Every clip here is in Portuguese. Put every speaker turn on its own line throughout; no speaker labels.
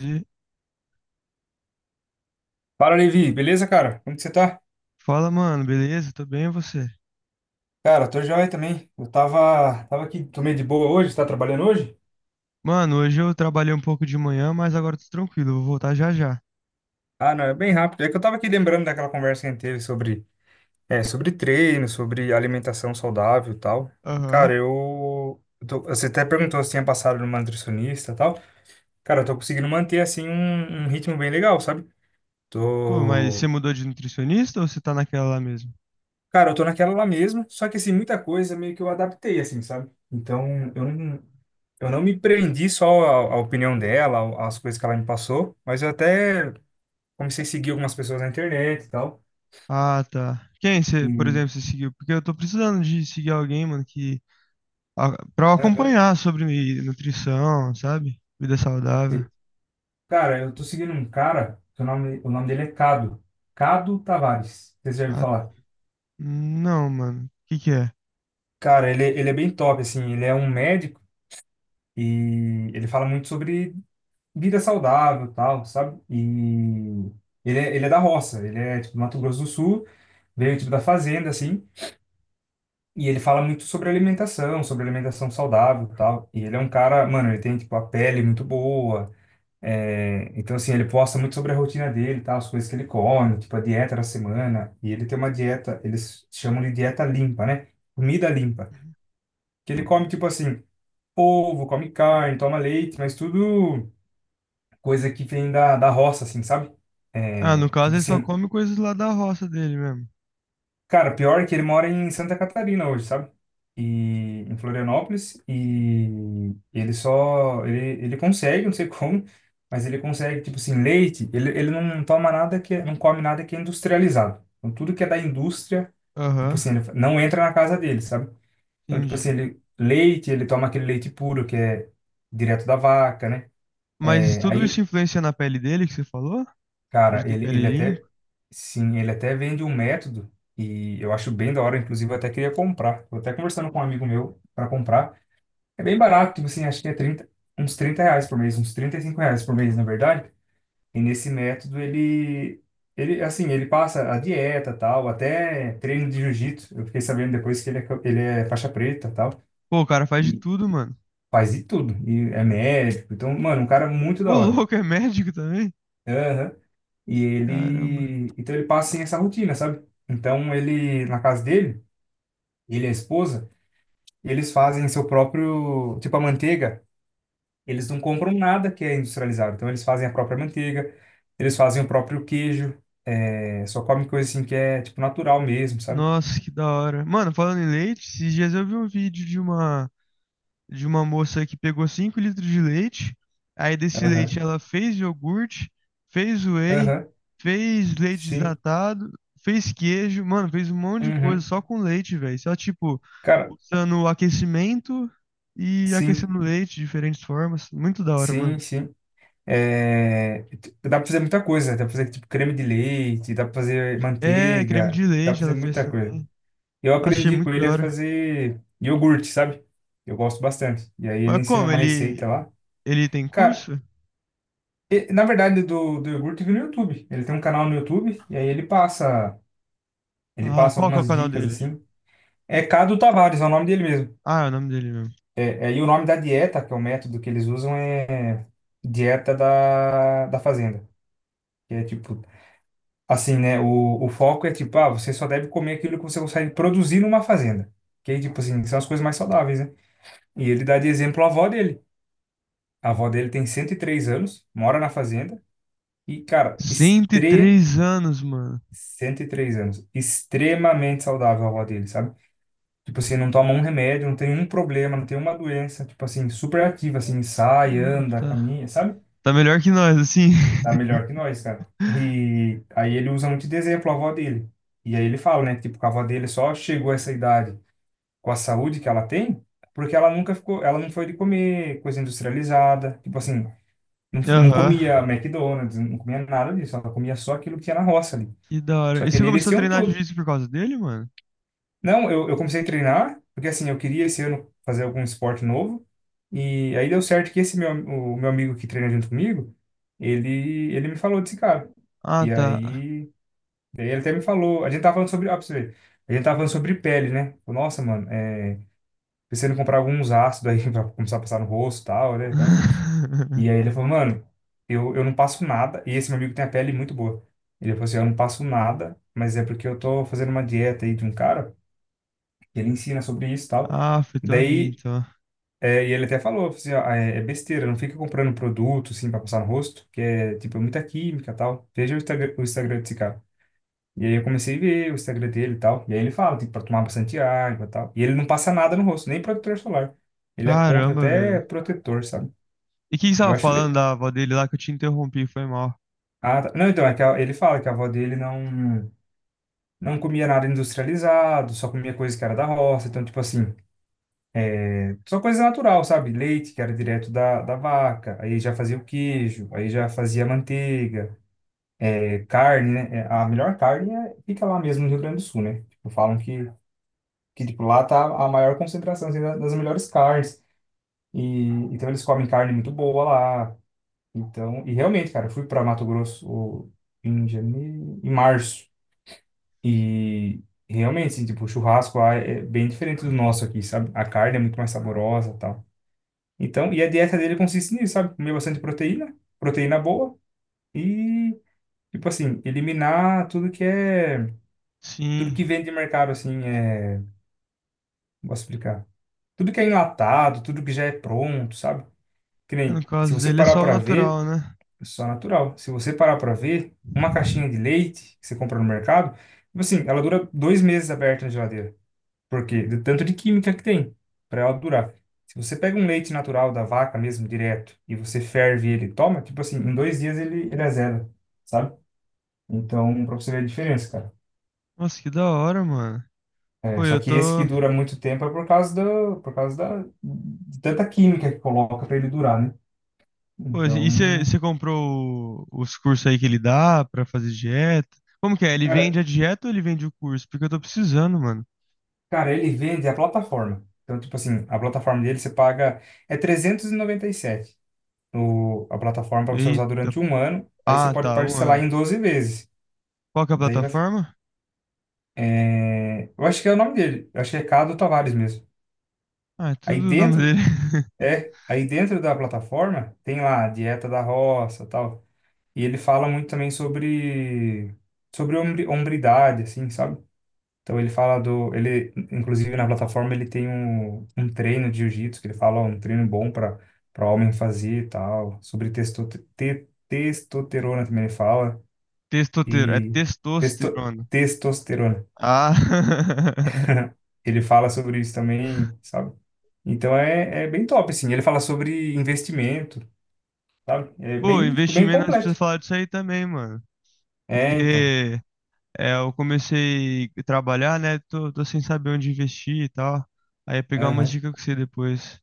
E
Fala, Levi. Beleza, cara? Como que você tá?
fala, mano, beleza? Tô bem, e você?
Cara, tô joia também. Eu tava aqui, tomei de boa hoje. Tá trabalhando hoje?
Mano, hoje eu trabalhei um pouco de manhã, mas agora tô tranquilo, vou voltar já já.
Ah, não, é bem rápido. É que eu tava aqui lembrando daquela conversa que a gente teve sobre, sobre treino, sobre alimentação saudável e tal.
Aham.
Cara, você até perguntou se tinha passado numa nutricionista e tal. Cara, eu tô conseguindo manter, assim, um ritmo bem legal, sabe?
Pô, mas você
Tô.
mudou de nutricionista ou você tá naquela lá mesmo?
Cara, eu tô naquela lá mesmo, só que assim, muita coisa meio que eu adaptei, assim, sabe? Então, eu não, eu não me prendi só à opinião dela, às coisas que ela me passou, mas eu até comecei a seguir algumas pessoas na internet e tal.
Ah, tá. Quem
E,
você, por exemplo, você seguiu? Porque eu tô precisando de seguir alguém, mano, que pra eu
Aham.
acompanhar sobre nutrição, sabe? Vida saudável.
E, cara, eu tô seguindo um cara, que o nome dele é Cado. Cado Tavares, vocês já ouviram
Ah,
falar?
não, mano. O que que é?
Cara, ele é bem top, assim, ele é um médico e ele fala muito sobre vida saudável, tal, sabe? E ele é da roça, ele é tipo do Mato Grosso do Sul, veio tipo da fazenda assim, e ele fala muito sobre alimentação saudável, tal. E ele é um cara, mano, ele tem tipo a pele muito boa, então assim, ele posta muito sobre a rotina dele, tal, as coisas que ele come, tipo a dieta da semana, e ele tem uma dieta, eles chamam de dieta limpa, né? Comida limpa. Que ele come tipo assim, ovo, come carne, toma leite, mas tudo coisa que vem da roça, assim, sabe?
Ah, no
É,
caso
tipo
ele só
assim,
come coisas lá da roça dele mesmo.
cara, pior é que ele mora em Santa Catarina hoje, sabe? E em Florianópolis, e ele só, ele, ele consegue, não sei como, mas ele consegue, tipo assim, leite, ele não toma nada que, não come nada que é industrializado. Então, tudo que é da indústria, tipo
Aham,
assim, ele não entra na casa dele, sabe? Então, tipo
entendi.
assim, ele, leite, ele toma aquele leite puro, que é direto da vaca, né?
Mas
É,
tudo isso
aí.
influencia na pele dele que você falou? De
Cara,
ter pele limpa.
sim, ele até vende um método e eu acho bem da hora, inclusive eu até queria comprar. Tô até conversando com um amigo meu para comprar. É bem barato, tipo assim, acho que é 30 uns 30 reais por mês, uns 35 reais por mês, na verdade. E nesse método ele, assim, ele passa a dieta, tal, até treino de jiu-jitsu. Eu fiquei sabendo depois que ele é faixa preta, tal,
Pô, o cara faz de
e
tudo, mano.
faz de tudo. E é médico, então, mano, um cara muito
Ô,
da hora.
louco, é médico também?
Aham. E
Caramba.
então ele passa sem essa rotina, sabe? Então ele, na casa dele, ele e a esposa, eles fazem seu próprio, tipo a manteiga, eles não compram nada que é industrializado. Então eles fazem a própria manteiga, eles fazem o próprio queijo, só comem coisa assim que é tipo natural mesmo, sabe?
Nossa, que da hora. Mano, falando em leite, esses dias eu vi um vídeo de uma moça que pegou 5 litros de leite. Aí desse
Aham,
leite ela fez iogurte, fez whey,
aham,
fez leite
sim,
desnatado, fez queijo, mano, fez um monte de coisa
uhum.
só com leite, velho. Só tipo
Cara,
usando aquecimento e
sim,
aquecendo leite de diferentes formas. Muito da hora, mano.
sim, sim. É, dá pra fazer muita coisa, dá pra fazer tipo creme de leite, dá pra fazer
É, creme de
manteiga, dá pra
leite
fazer
ela fez
muita coisa.
também.
Eu
Achei
aprendi com
muito
ele
da
a
hora.
fazer iogurte, sabe? Eu gosto bastante. E aí
Mas
ele ensina
como?
uma
Ele,
receita lá.
ele tem
Cara,
curso?
na verdade do iogurte eu vi no YouTube. Ele tem um canal no YouTube e aí ele passa, ele
Ah,
passa
qual que é o
algumas
canal
dicas
dele?
assim. É Cado Tavares, é o nome dele mesmo.
Ah, é o nome dele mesmo.
É, e o nome da dieta, que é o método que eles usam, é dieta da fazenda. Que é tipo, assim, né? O foco é tipo, ah, você só deve comer aquilo que você consegue produzir numa fazenda. Que aí, tipo assim, são as coisas mais saudáveis, né? E ele dá de exemplo a avó dele. A avó dele tem 103 anos, mora na fazenda e, cara,
cento e três anos, mano.
103 anos. Extremamente saudável a avó dele, sabe? Tipo assim, não toma um remédio, não tem um problema, não tem uma doença. Tipo assim, super ativa, assim, sai,
Ah,
anda,
tá.
caminha, sabe?
Tá melhor que nós, assim.
Tá melhor que nós, cara. E aí ele usa muito de exemplo a avó dele. E aí ele fala, né? Tipo, que a avó dele só chegou a essa idade com a saúde que ela tem, porque ela nunca ficou, ela não foi de comer coisa industrializada. Tipo assim, não, não
Aham.
comia McDonald's, não comia nada disso. Ela comia só aquilo que tinha na roça ali.
Que da
Só
hora. E
que
você
ali eles
começou a
tinham
treinar
tudo.
jiu-jitsu por causa dele, mano?
Não, eu comecei a treinar, porque assim, eu queria esse ano fazer algum esporte novo. E aí deu certo que o meu amigo que treina junto comigo, ele me falou desse cara.
Ah,
E
tá.
aí, daí ele até me falou, a gente tava falando sobre, ah, pra você ver, a gente tava falando sobre pele, né? Falou, nossa, mano, pensando em comprar alguns ácidos aí pra começar a passar no rosto e tal, né? E aí ele falou, mano, eu não passo nada. E esse meu amigo tem a pele muito boa. Ele falou assim, eu não passo nada, mas é porque eu tô fazendo uma dieta aí de um cara, que ele ensina sobre isso e tal.
Ah, foi teu amigo,
Daí,
então.
e ele até falou, assim, ó, é besteira, não fica comprando produto, assim, pra passar no rosto, que é, tipo, muita química e tal. Veja o Instagram desse cara. E aí eu comecei a ver o Instagram dele e tal. E aí ele fala, tipo, pra tomar bastante água e tal. E ele não passa nada no rosto, nem protetor solar. Ele é contra
Caramba,
até
velho.
protetor, sabe?
E o que que você
Eu
tava
acho.
falando da avó dele lá que eu te interrompi, foi mal.
Ah, tá. Não, então, é que ele fala que a avó dele não, não comia nada industrializado, só comia coisa que era da roça, então, tipo assim, só coisa natural, sabe? Leite, que era direto da vaca, aí já fazia o queijo, aí já fazia a manteiga, carne, né? É, a melhor carne fica lá mesmo no Rio Grande do Sul, né? Tipo, falam que tipo, lá tá a maior concentração assim, das melhores carnes, e então eles comem carne muito boa lá, então, e realmente, cara, eu fui para Mato Grosso em janeiro, em março. E realmente, assim, tipo, o churrasco lá é bem diferente do nosso aqui, sabe? A carne é muito mais saborosa e tal. Então, e a dieta dele consiste nisso, sabe? Comer bastante proteína, proteína boa e, tipo assim, eliminar tudo
Sim.
que vem de mercado, assim, como posso explicar? Tudo que é enlatado, tudo que já é pronto, sabe? Que
É, no
nem, se
caso
você
dele é
parar
só o
pra ver,
natural, né?
é só natural. Se você parar pra ver, uma caixinha de leite que você compra no mercado, tipo assim, ela dura 2 meses aberta na geladeira. Porque do tanto de química que tem para ela durar. Se você pega um leite natural da vaca mesmo, direto, e você ferve ele e toma, tipo assim, em 2 dias ele azeda, sabe? Então, pra você ver a diferença, cara.
Nossa, que da hora, mano.
É,
Pô,
só
eu
que esse
tô.
que dura muito tempo é por causa de tanta química que coloca para ele durar, né?
Pô,
Então,
e você comprou os cursos aí que ele dá pra fazer dieta? Como que é? Ele
cara,
vende a dieta ou ele vende o curso? Porque eu tô precisando, mano.
cara, ele vende a plataforma. Então, tipo assim, a plataforma dele você paga é trezentos e noventa e sete a plataforma para você usar
Eita.
durante um ano. Aí você
Ah,
pode
tá, um
parcelar
ano.
em 12 vezes.
Qual que é a
Daí vai.
plataforma?
Eu acho que é o nome dele. Eu acho que é Cado Tavares mesmo.
Ah, é
Aí
tudo o nome
dentro,
dele.
aí dentro da plataforma tem lá a dieta da roça, tal. E ele fala muito também sobre hombridade, assim, sabe? Então ele fala ele inclusive na plataforma ele tem um treino de jiu-jitsu que ele fala ó, um treino bom para homem fazer, e tal. Sobre testosterona também ele fala
Testosterona. É
e testo,
testosterona.
testosterona.
Ah.
Ele fala sobre isso também, sabe? Então é bem top, assim. Ele fala sobre investimento, sabe? É
Pô,
bem, tipo, bem
investimento, nós precisamos
completo.
falar disso aí também, mano.
É, então.
Porque é, eu comecei a trabalhar, né? Tô sem saber onde investir e tal. Aí é pegar umas
Aham.
dicas com você depois.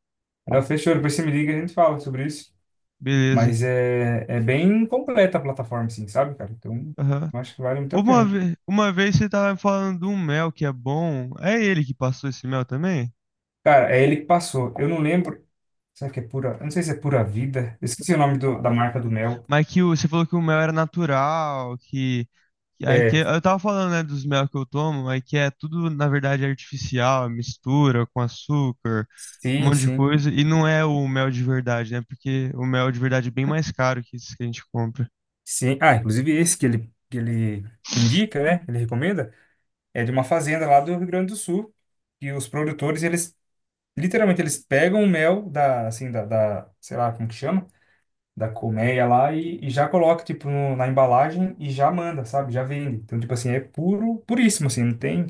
Ah, fechou, depois você me liga e a gente fala sobre isso.
Beleza.
Mas é bem completa a plataforma, assim, sabe, cara? Então,
Aham.
eu acho que vale muito a
Uma
pena.
vez, uma vez você tava me falando de um mel que é bom. É ele que passou esse mel também?
Cara, é ele que passou. Eu não lembro. Será que é pura. Eu não sei se é pura vida. Eu esqueci o nome da
Por
marca
aí, né?
do mel.
Mas você falou que o mel era natural,
É.
eu tava falando, né, dos mel que eu tomo, aí que é tudo, na verdade, artificial, mistura com açúcar, um
Sim,
monte de
sim.
coisa, e não é o mel de verdade, né? Porque o mel de verdade é bem mais caro que esse que a gente compra.
Sim. Ah, inclusive esse que ele indica, né? Ele recomenda. É de uma fazenda lá do Rio Grande do Sul que os produtores eles literalmente, eles pegam o mel assim, da, sei lá como que chama, da colmeia lá e já coloca, tipo, na embalagem e já manda, sabe? Já vende. Então, tipo assim, é puro, puríssimo, assim, não tem,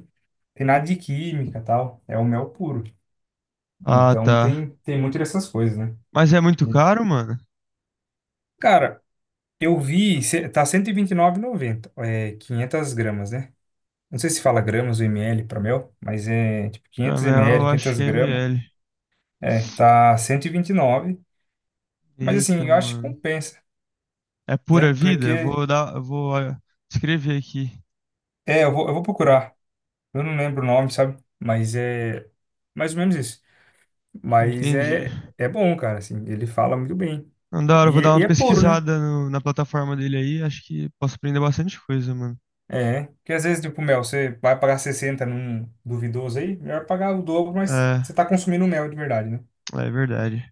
tem nada de química tal. É o mel puro.
Ah,
Então,
tá.
tem muito dessas coisas, né?
Mas é muito
E,
caro, mano?
cara, eu vi, tá 129,90 é 500 gramas, né? Não sei se fala gramas ou ml para mel, mas é tipo
Pra
500
mel,
ml,
eu acho
500
que é
gramas.
ml.
É, tá 129. Mas assim,
Eita,
eu acho que
mano.
compensa,
É pura
né?
vida? Eu
Porque,
vou dar, eu vou ah, escrever aqui.
eu vou procurar. Eu não lembro o nome, sabe? Mas é mais ou menos isso. Mas
Entendi.
é bom, cara, assim, ele fala muito bem.
Não, da hora, eu
E
vou dar
é, e
uma
é puro, né?
pesquisada na plataforma dele aí. Acho que posso aprender bastante coisa, mano.
É, porque às vezes, tipo, mel, você vai pagar 60 num duvidoso aí, melhor pagar o dobro, mas você
É,
tá consumindo mel de verdade, né?
é verdade.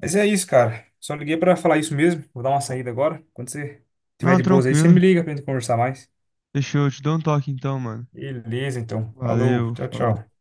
Mas é isso, cara. Só liguei pra falar isso mesmo. Vou dar uma saída agora. Quando você tiver
Não,
de boas aí, você
tranquilo.
me liga pra gente conversar mais.
Deixa eu te dar um toque então, mano.
Beleza, então. Falou,
Valeu,
tchau,
falou.
tchau.